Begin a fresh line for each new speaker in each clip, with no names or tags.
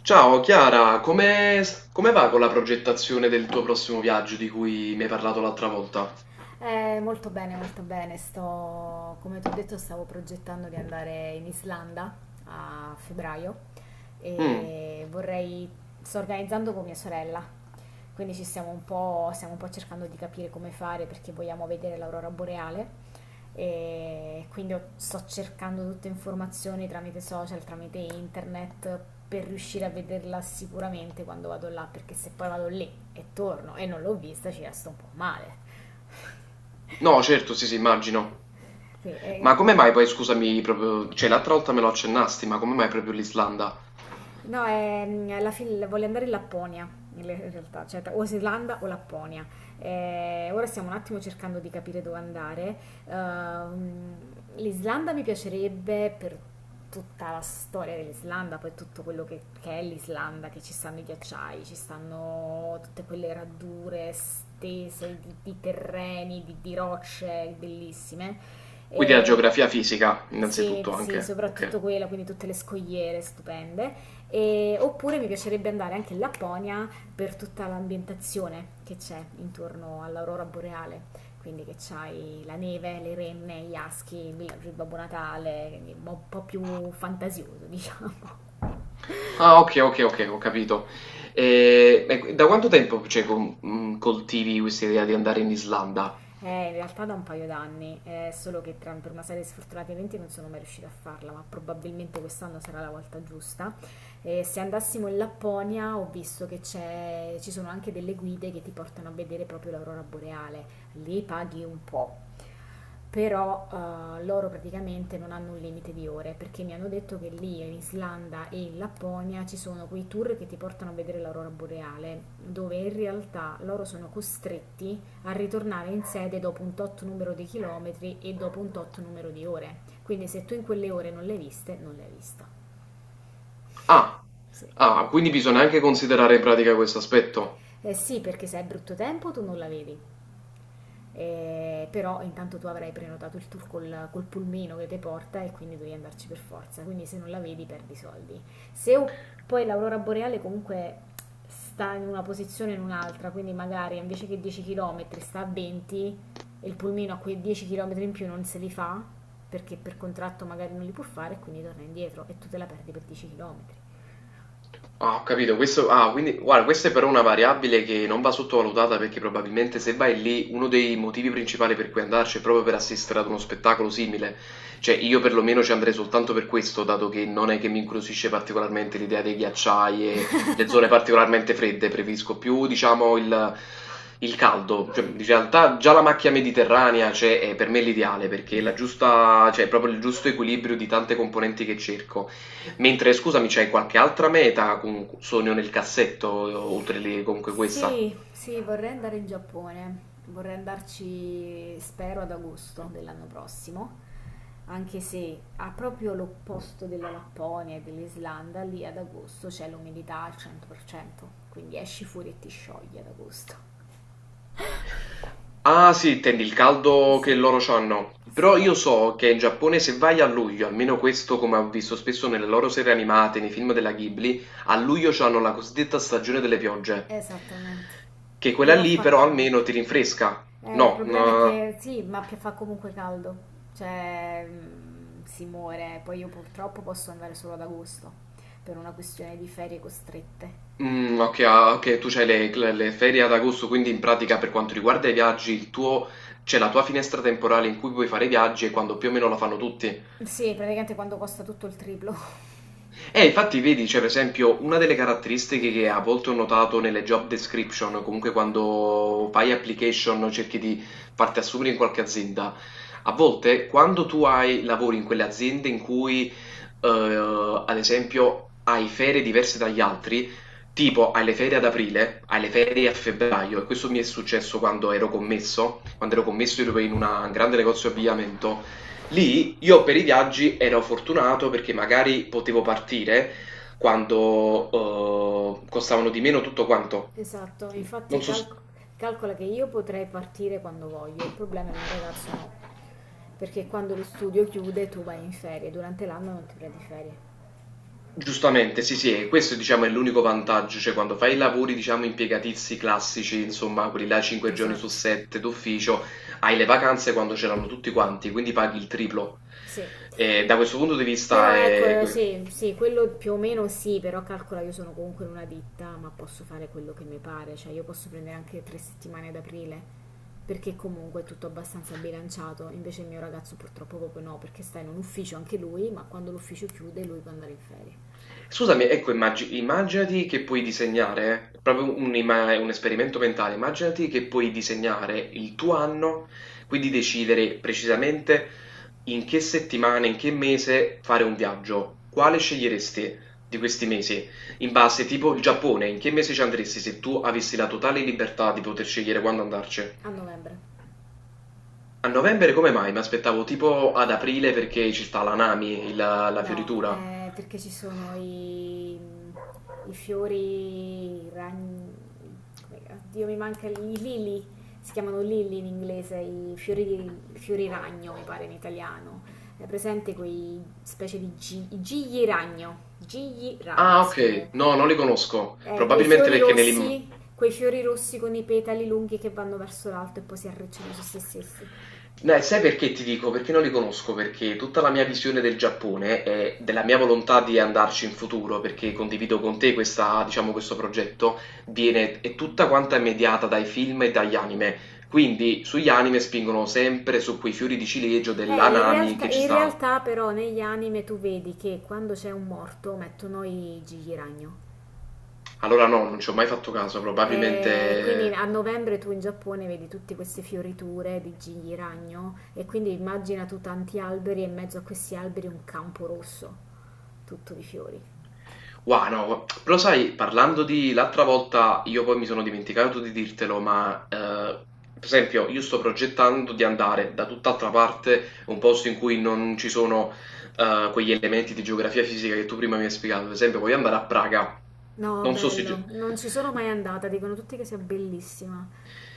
Ciao Chiara, come va con la progettazione del tuo prossimo viaggio di cui mi hai parlato l'altra volta?
Molto bene, molto bene. Come ti ho detto, stavo progettando di andare in Islanda a febbraio
Mm.
e sto organizzando con mia sorella, quindi ci stiamo un po' cercando di capire come fare perché vogliamo vedere l'aurora boreale. E quindi sto cercando tutte informazioni tramite social, tramite internet per riuscire a vederla sicuramente quando vado là, perché se poi vado lì e torno e non l'ho vista ci resto un po' male.
No, certo, sì, sì, immagino.
Sì,
Ma come mai poi, scusami, proprio, cioè l'altra volta me lo accennasti, ma come mai proprio l'Islanda?
no, alla fine voglio andare in Lapponia, in realtà, cioè o Islanda o Lapponia. Ora stiamo un attimo cercando di capire dove andare. Ehm, L'Islanda mi piacerebbe per tutta la storia dell'Islanda, poi tutto quello che è l'Islanda, che ci stanno i ghiacciai, ci stanno tutte quelle radure stese di, terreni, di rocce bellissime.
Quindi la
E
geografia fisica,
sì,
innanzitutto
sì,
anche,
soprattutto
ok.
quella, quindi tutte le scogliere stupende. Oppure mi piacerebbe andare anche in Lapponia per tutta l'ambientazione che c'è intorno all'aurora boreale. Quindi che c'hai la neve, le renne, gli aschi, il villaggio di Babbo Natale, quindi un po' più fantasioso, diciamo.
Ah, ok, ok, ok, ho capito. E da quanto tempo, cioè, coltivi questa idea di andare in Islanda?
In realtà da un paio d'anni, solo che per una serie di sfortunati eventi non sono mai riuscita a farla, ma probabilmente quest'anno sarà la volta giusta. Se andassimo in Lapponia ho visto che ci sono anche delle guide che ti portano a vedere proprio l'aurora boreale, lì paghi un po', però loro praticamente non hanno un limite di ore perché mi hanno detto che lì in Islanda e in Lapponia ci sono quei tour che ti portano a vedere l'aurora boreale, dove in realtà loro sono costretti a ritornare in sede dopo un tot numero di chilometri e dopo un tot numero di ore. Quindi se tu in quelle ore non le hai viste, non le hai vista.
Ah,
Sì.
ah, quindi bisogna anche considerare in pratica questo aspetto.
Eh sì, perché se è brutto tempo tu non la vedi. Però intanto tu avrai prenotato il tour col pulmino che ti porta e quindi devi andarci per forza, quindi se non la vedi perdi soldi. Se o- Poi l'aurora boreale comunque sta in una posizione o in un'altra, quindi magari invece che 10 km sta a 20 e il pulmino a quei 10 km in più non se li fa perché per contratto magari non li può fare e quindi torna indietro e tu te la perdi per 10 km.
Ah, ho capito, questo, ah, quindi, guarda, questa è però una variabile che non va sottovalutata perché probabilmente se vai lì uno dei motivi principali per cui andarci è proprio per assistere ad uno spettacolo simile. Cioè, io perlomeno ci andrei soltanto per questo, dato che non è che mi incuriosisce particolarmente l'idea dei ghiacciai e le zone particolarmente fredde, preferisco più, diciamo, il caldo. Cioè, in realtà già la macchia mediterranea, cioè, è per me l'ideale perché è la giusta, cioè, è proprio il giusto equilibrio di tante componenti che cerco. Mentre scusami, c'hai qualche altra meta con sogno nel cassetto, oltre lì comunque questa?
Sì, sì, vorrei andare in Giappone. Vorrei andarci, spero, ad agosto dell'anno prossimo, anche se ha proprio l'opposto della Lapponia e dell'Islanda, lì ad agosto c'è l'umidità al 100%, quindi esci fuori e ti sciogli ad agosto.
Ah sì, intendi il caldo che
Sì,
loro c'hanno.
sì,
Però io so che in Giappone se vai a luglio, almeno questo come ho visto spesso nelle loro serie animate, nei film della Ghibli, a luglio c'hanno la cosiddetta stagione delle piogge.
esattamente.
Che quella
Però
lì
fa
però
caldo.
almeno ti rinfresca.
Il
No?
problema è
No.
che sì, ma fa comunque caldo, cioè si muore, poi io purtroppo posso andare solo ad agosto per una questione di ferie costrette.
Mm, ok, ah, ok, tu c'hai le ferie ad agosto, quindi in pratica per quanto riguarda i viaggi, il tuo, c'è la tua finestra temporale in cui puoi fare i viaggi e quando più o meno la fanno tutti.
Sì, praticamente quando costa tutto il triplo.
Infatti vedi, cioè, per esempio, una delle caratteristiche che a volte ho notato nelle job description, comunque quando fai application, cerchi di farti assumere in qualche azienda, a volte quando tu hai lavori in quelle aziende in cui, eh, ad esempio, hai ferie diverse dagli altri, tipo hai le ferie ad aprile, hai le ferie a febbraio, e questo mi è successo quando ero commesso ero in un grande negozio di abbigliamento. Lì io per i viaggi ero fortunato perché magari potevo partire quando, costavano di meno tutto quanto.
Esatto, infatti
Non so s
calcola che io potrei partire quando voglio, il problema è il mio ragazzo no, perché quando lo studio chiude tu vai in ferie, durante l'anno non ti prendi ferie.
Giustamente, sì, sì, e questo diciamo è l'unico vantaggio, cioè quando fai i lavori diciamo impiegatizi classici, insomma quelli là 5 giorni su
Esatto,
7 d'ufficio, hai le vacanze quando ce l'hanno tutti quanti, quindi paghi il triplo.
sì.
E da questo punto di
Però
vista
ecco,
è que
sì, sì, quello più o meno sì, però calcola io sono comunque in una ditta, ma posso fare quello che mi pare, cioè io posso prendere anche 3 settimane ad aprile, perché comunque è tutto abbastanza bilanciato, invece il mio ragazzo purtroppo proprio no, perché sta in un ufficio anche lui, ma quando l'ufficio chiude lui può andare in ferie.
Scusami, ecco, immaginati che puoi disegnare, proprio un esperimento mentale, immaginati che puoi disegnare il tuo anno, quindi decidere precisamente in che settimana, in che mese fare un viaggio. Quale sceglieresti di questi mesi? In base, tipo il Giappone, in che mese ci andresti se tu avessi la totale libertà di poter scegliere quando andarci?
A novembre.
A novembre come mai? Mi aspettavo tipo ad aprile perché ci sta l'Anami, la
No,
fioritura.
perché ci sono i fiori, i ragni, come, oddio mi manca i lili, si chiamano lili in inglese, i fiori, fiori ragno mi pare in italiano. È presente quei specie i gigli ragno
Ah,
si chiama.
ok, no, non li conosco, probabilmente perché me li.
Quei fiori rossi con i petali lunghi che vanno verso l'alto e poi si arricciano su se stessi.
Dai, sai perché ti dico? Perché non li conosco? Perché tutta la mia visione del Giappone e della mia volontà di andarci in futuro, perché condivido con te questa, diciamo, questo progetto, viene, è tutta quanta mediata dai film e dagli anime. Quindi sugli anime spingono sempre su quei fiori di ciliegio
In
dell'anami
realtà,
che ci
in
sta.
realtà però negli anime tu vedi che quando c'è un morto mettono i gigli ragno.
Allora no, non ci ho mai fatto caso,
Quindi
probabilmente.
a novembre tu in Giappone vedi tutte queste fioriture di gigli ragno e quindi immagina tu tanti alberi e in mezzo a questi alberi un campo rosso, tutto di fiori.
Wow, no, però sai, parlando di l'altra volta, io poi mi sono dimenticato di dirtelo, ma per esempio io sto progettando di andare da tutt'altra parte, un posto in cui non ci sono quegli elementi di geografia fisica che tu prima mi hai spiegato. Per esempio, voglio andare a Praga.
No,
Non so se.
bello, non ci sono mai andata, dicono tutti che sia bellissima.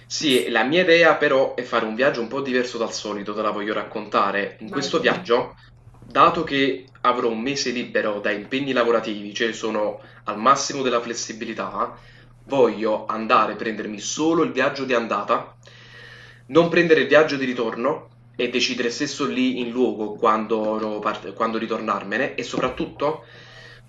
Sì,
S-
la mia idea però è fare un viaggio un po' diverso dal solito, te la voglio raccontare. In
Vai,
questo
dimmi.
viaggio, dato che avrò un mese libero da impegni lavorativi, cioè sono al massimo della flessibilità, voglio andare a prendermi solo il viaggio di andata, non prendere il viaggio di ritorno e decidere stesso lì in luogo quando, quando ritornarmene e soprattutto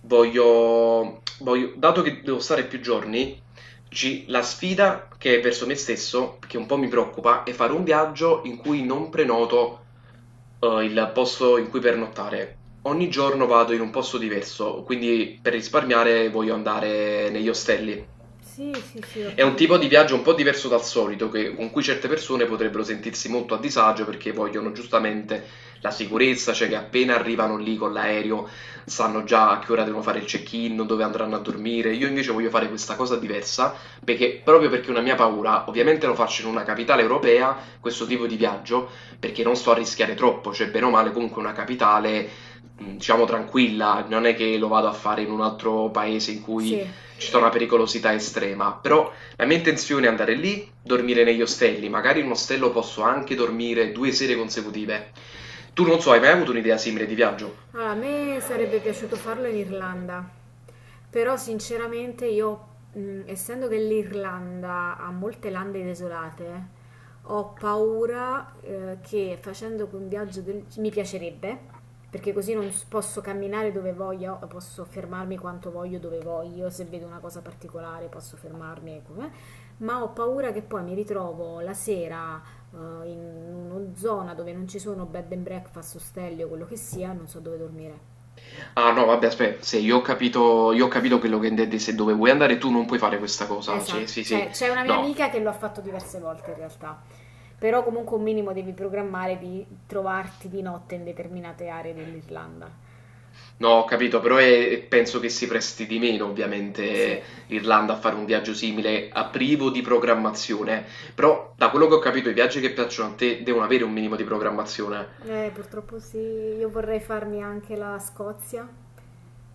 voglio, dato che devo stare più giorni, G la sfida che è verso me stesso, che un po' mi preoccupa, è fare un viaggio in cui non prenoto, il posto in cui pernottare. Ogni giorno vado in un posto diverso, quindi per risparmiare voglio andare negli ostelli.
Sì, sì, sì, ho
È un tipo di
capito.
viaggio un po' diverso dal solito, con cui certe persone potrebbero sentirsi molto a disagio perché vogliono giustamente la sicurezza, cioè che appena arrivano lì con l'aereo sanno già a che ora devono fare il check-in, dove andranno a dormire. Io invece voglio fare questa cosa diversa perché proprio perché una mia paura, ovviamente lo faccio in una capitale europea, questo tipo di viaggio, perché non sto a rischiare troppo, cioè bene o male comunque una capitale, diciamo tranquilla, non è che lo vado a fare in un altro paese in cui
Sì.
ci sta una pericolosità estrema, però la mia intenzione è andare lì, dormire negli ostelli, magari in un ostello posso anche dormire 2 sere consecutive. Tu non so, hai mai avuto un'idea simile di viaggio?
Allora, a me sarebbe piaciuto farlo in Irlanda, però sinceramente io, essendo che l'Irlanda ha molte lande desolate, ho paura, che facendo un viaggio mi piacerebbe, perché così non posso camminare dove voglio, posso fermarmi quanto voglio dove voglio, se vedo una cosa particolare posso fermarmi, ecco, eh. Ma ho paura che poi mi ritrovo la sera in una zona dove non ci sono bed and breakfast, ostelli o quello che sia, non so dove dormire.
Ah no, vabbè, aspetta, se io ho capito, io ho capito quello che intendi, se dove vuoi andare tu non puoi fare questa cosa, cioè
Esatto,
sì sì,
c'è una mia
no,
amica che lo ha fatto diverse volte in realtà, però comunque un minimo devi programmare di trovarti di notte in determinate aree dell'Irlanda.
no, ho capito, però penso che si presti di meno
Sì,
ovviamente l'Irlanda a fare un viaggio simile, a privo di programmazione, però da quello che ho capito i viaggi che piacciono a te devono avere un minimo di programmazione.
purtroppo sì, io vorrei farmi anche la Scozia,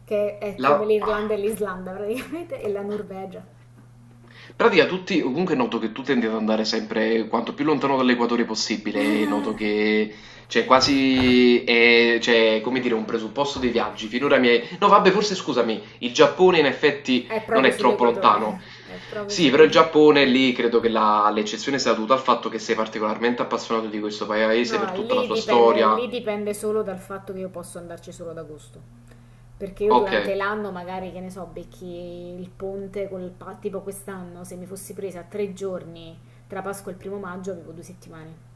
che è come
La. Ah.
l'Irlanda e l'Islanda praticamente, e la Norvegia.
In pratica tutti, comunque noto che tu tendi ad andare sempre quanto più lontano dall'equatore possibile, noto che c'è quasi, è, cioè, come dire, un presupposto dei viaggi. Finora mi hai. No, vabbè, forse scusami, il Giappone in effetti
È
non
proprio
è troppo lontano.
sull'equatore, è proprio
Sì, però il
sull'equatore.
Giappone lì credo che l'eccezione sia dovuta al fatto che sei particolarmente appassionato di questo paese
No,
per tutta la sua storia.
lì dipende solo dal fatto che io posso andarci solo ad agosto. Perché io
Ok.
durante l'anno, magari, che ne so, becchi il ponte tipo quest'anno, se mi fossi presa 3 giorni tra Pasqua e il 1° maggio, avevo 2 settimane.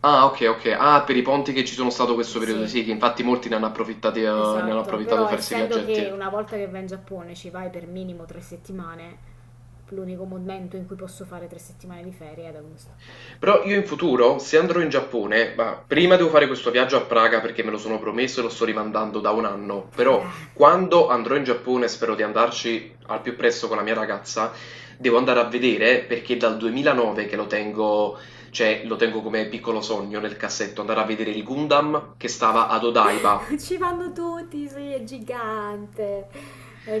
Ah, ok, ok. Ah, per i ponti che ci sono stato questo periodo,
Sì,
sì, che infatti molti ne hanno approfittati, ne hanno
esatto.
approfittato di
Però
fare questi
essendo
viaggetti.
che una volta che vai in Giappone ci vai per minimo 3 settimane, l'unico momento in cui posso fare 3 settimane di ferie è ad agosto.
Però io in futuro, se andrò in Giappone, ma prima devo fare questo viaggio a Praga perché me lo sono promesso e lo sto rimandando da un anno, però
Eh.
quando andrò in Giappone, spero di andarci al più presto con la mia ragazza, devo andare a vedere perché dal 2009 che lo tengo, cioè lo tengo come piccolo sogno nel cassetto, andare a vedere il Gundam che stava ad Odaiba.
Ci vanno tutti, sì, è gigante. È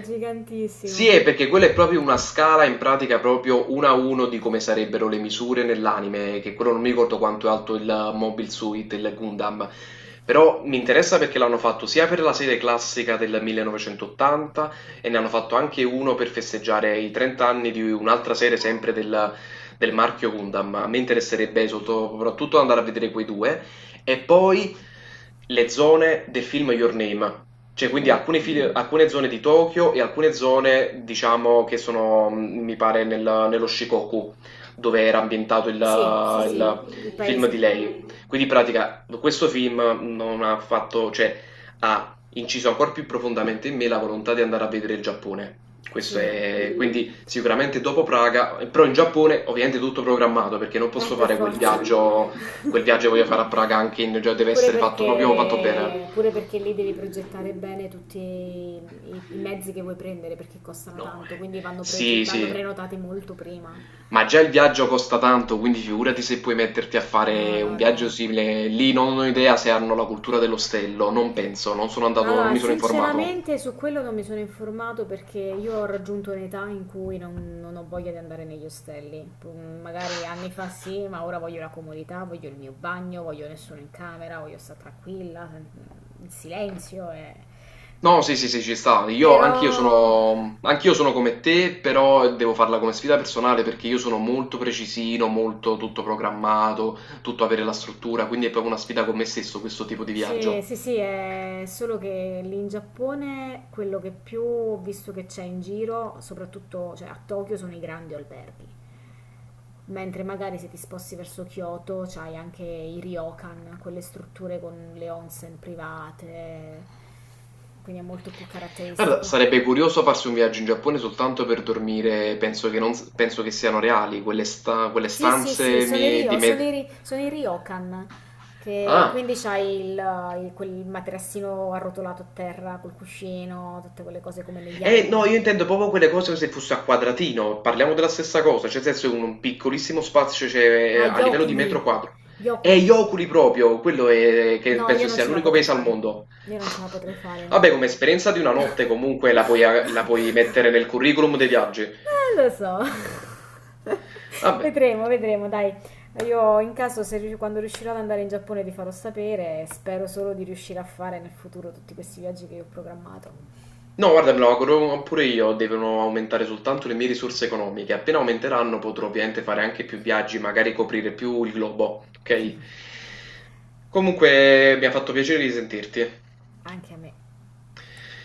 Sì,
gigantissimo.
perché quella è proprio una scala, in pratica proprio uno a uno di come sarebbero le misure nell'anime, che quello non mi ricordo quanto è alto il Mobile Suit, il Gundam, però mi interessa perché l'hanno fatto sia per la serie classica del 1980 e ne hanno fatto anche uno per festeggiare i 30 anni di un'altra serie sempre del marchio Gundam. A me interesserebbe soprattutto andare a vedere quei due e poi le zone del film Your Name, cioè, quindi
Mm.
alcune zone di Tokyo e alcune zone, diciamo, che sono, mhmm, mi pare, nello Shikoku, dove era ambientato il,
Sì, sì, sì, il
il film di
paese.
lei. Quindi, in pratica, questo film non ha fatto, cioè, ha inciso ancora più profondamente in me la volontà di andare a vedere il Giappone. Questo
Sì,
è, quindi, sicuramente dopo Praga, però in Giappone, ovviamente, tutto programmato, perché non posso
per
fare
forza.
quel viaggio che voglio fare a Praga anche in, cioè, deve
Pure
essere fatto proprio fatto bene.
perché, pure perché lì devi progettare bene tutti i mezzi che vuoi prendere perché costano
No, eh.
tanto, quindi
Sì,
vanno
sì,
prenotati molto prima.
ma già il viaggio costa tanto, quindi figurati se puoi metterti a
No,
fare un
no,
viaggio
no.
simile. Lì non ho idea se hanno la cultura dell'ostello, non penso, non sono andato, non
Allora,
mi sono informato.
sinceramente su quello non mi sono informato perché io ho raggiunto un'età in cui non ho voglia di andare negli ostelli. Magari anni fa sì, ma ora voglio la comodità, voglio il mio bagno, voglio nessuno in camera, voglio stare tranquilla, in silenzio.
No, sì,
Quindi-
sì, sì, ci sta. Io, anch'io
Però
sono, anch'io sono come te, però devo farla come sfida personale perché io sono molto precisino, molto tutto programmato, tutto avere la struttura, quindi è proprio una sfida con me stesso questo tipo di
sì,
viaggio.
sì, sì, è solo che lì in Giappone quello che più ho visto che c'è in giro, soprattutto cioè, a Tokyo, sono i grandi alberghi. Mentre magari se ti sposti verso Kyoto c'hai anche i ryokan, quelle strutture con le onsen private, quindi è molto più
Guarda,
caratteristico.
sarebbe curioso farsi un viaggio in Giappone soltanto per dormire, penso che, non, penso che siano reali quelle, sta- quelle
Sì, sì, sì,
stanze me- di me...
sono i ryokan, che
Ah,
quindi c'hai quel materassino arrotolato a terra col cuscino, tutte quelle cose come negli
eh no, io
anime.
intendo proprio quelle cose come se fosse a quadratino, parliamo della stessa cosa, cioè nel senso un piccolissimo spazio cioè,
Ah,
a
gli
livello di metro
oculi,
quadro.
gli
E gli
oculi.
oculi proprio, quello è, che
No, io
penso
non
sia
ce la
l'unico
potrei
paese al
fare.
mondo.
Io non ce la potrei fare, no.
Vabbè, come esperienza di una notte comunque la puoi la puoi mettere nel curriculum dei viaggi.
Lo so.
Vabbè.
Vedremo, vedremo, dai. Io in caso, se rius- quando riuscirò ad andare in Giappone, ti farò sapere. Spero solo di riuscire a fare nel futuro tutti questi viaggi che io ho programmato.
No, guarda, me lo auguro pure io, devono aumentare soltanto le mie risorse economiche. Appena aumenteranno potrò ovviamente fare anche più viaggi, magari coprire più il globo, ok? Comunque mi ha fatto piacere di sentirti.
Anche a me.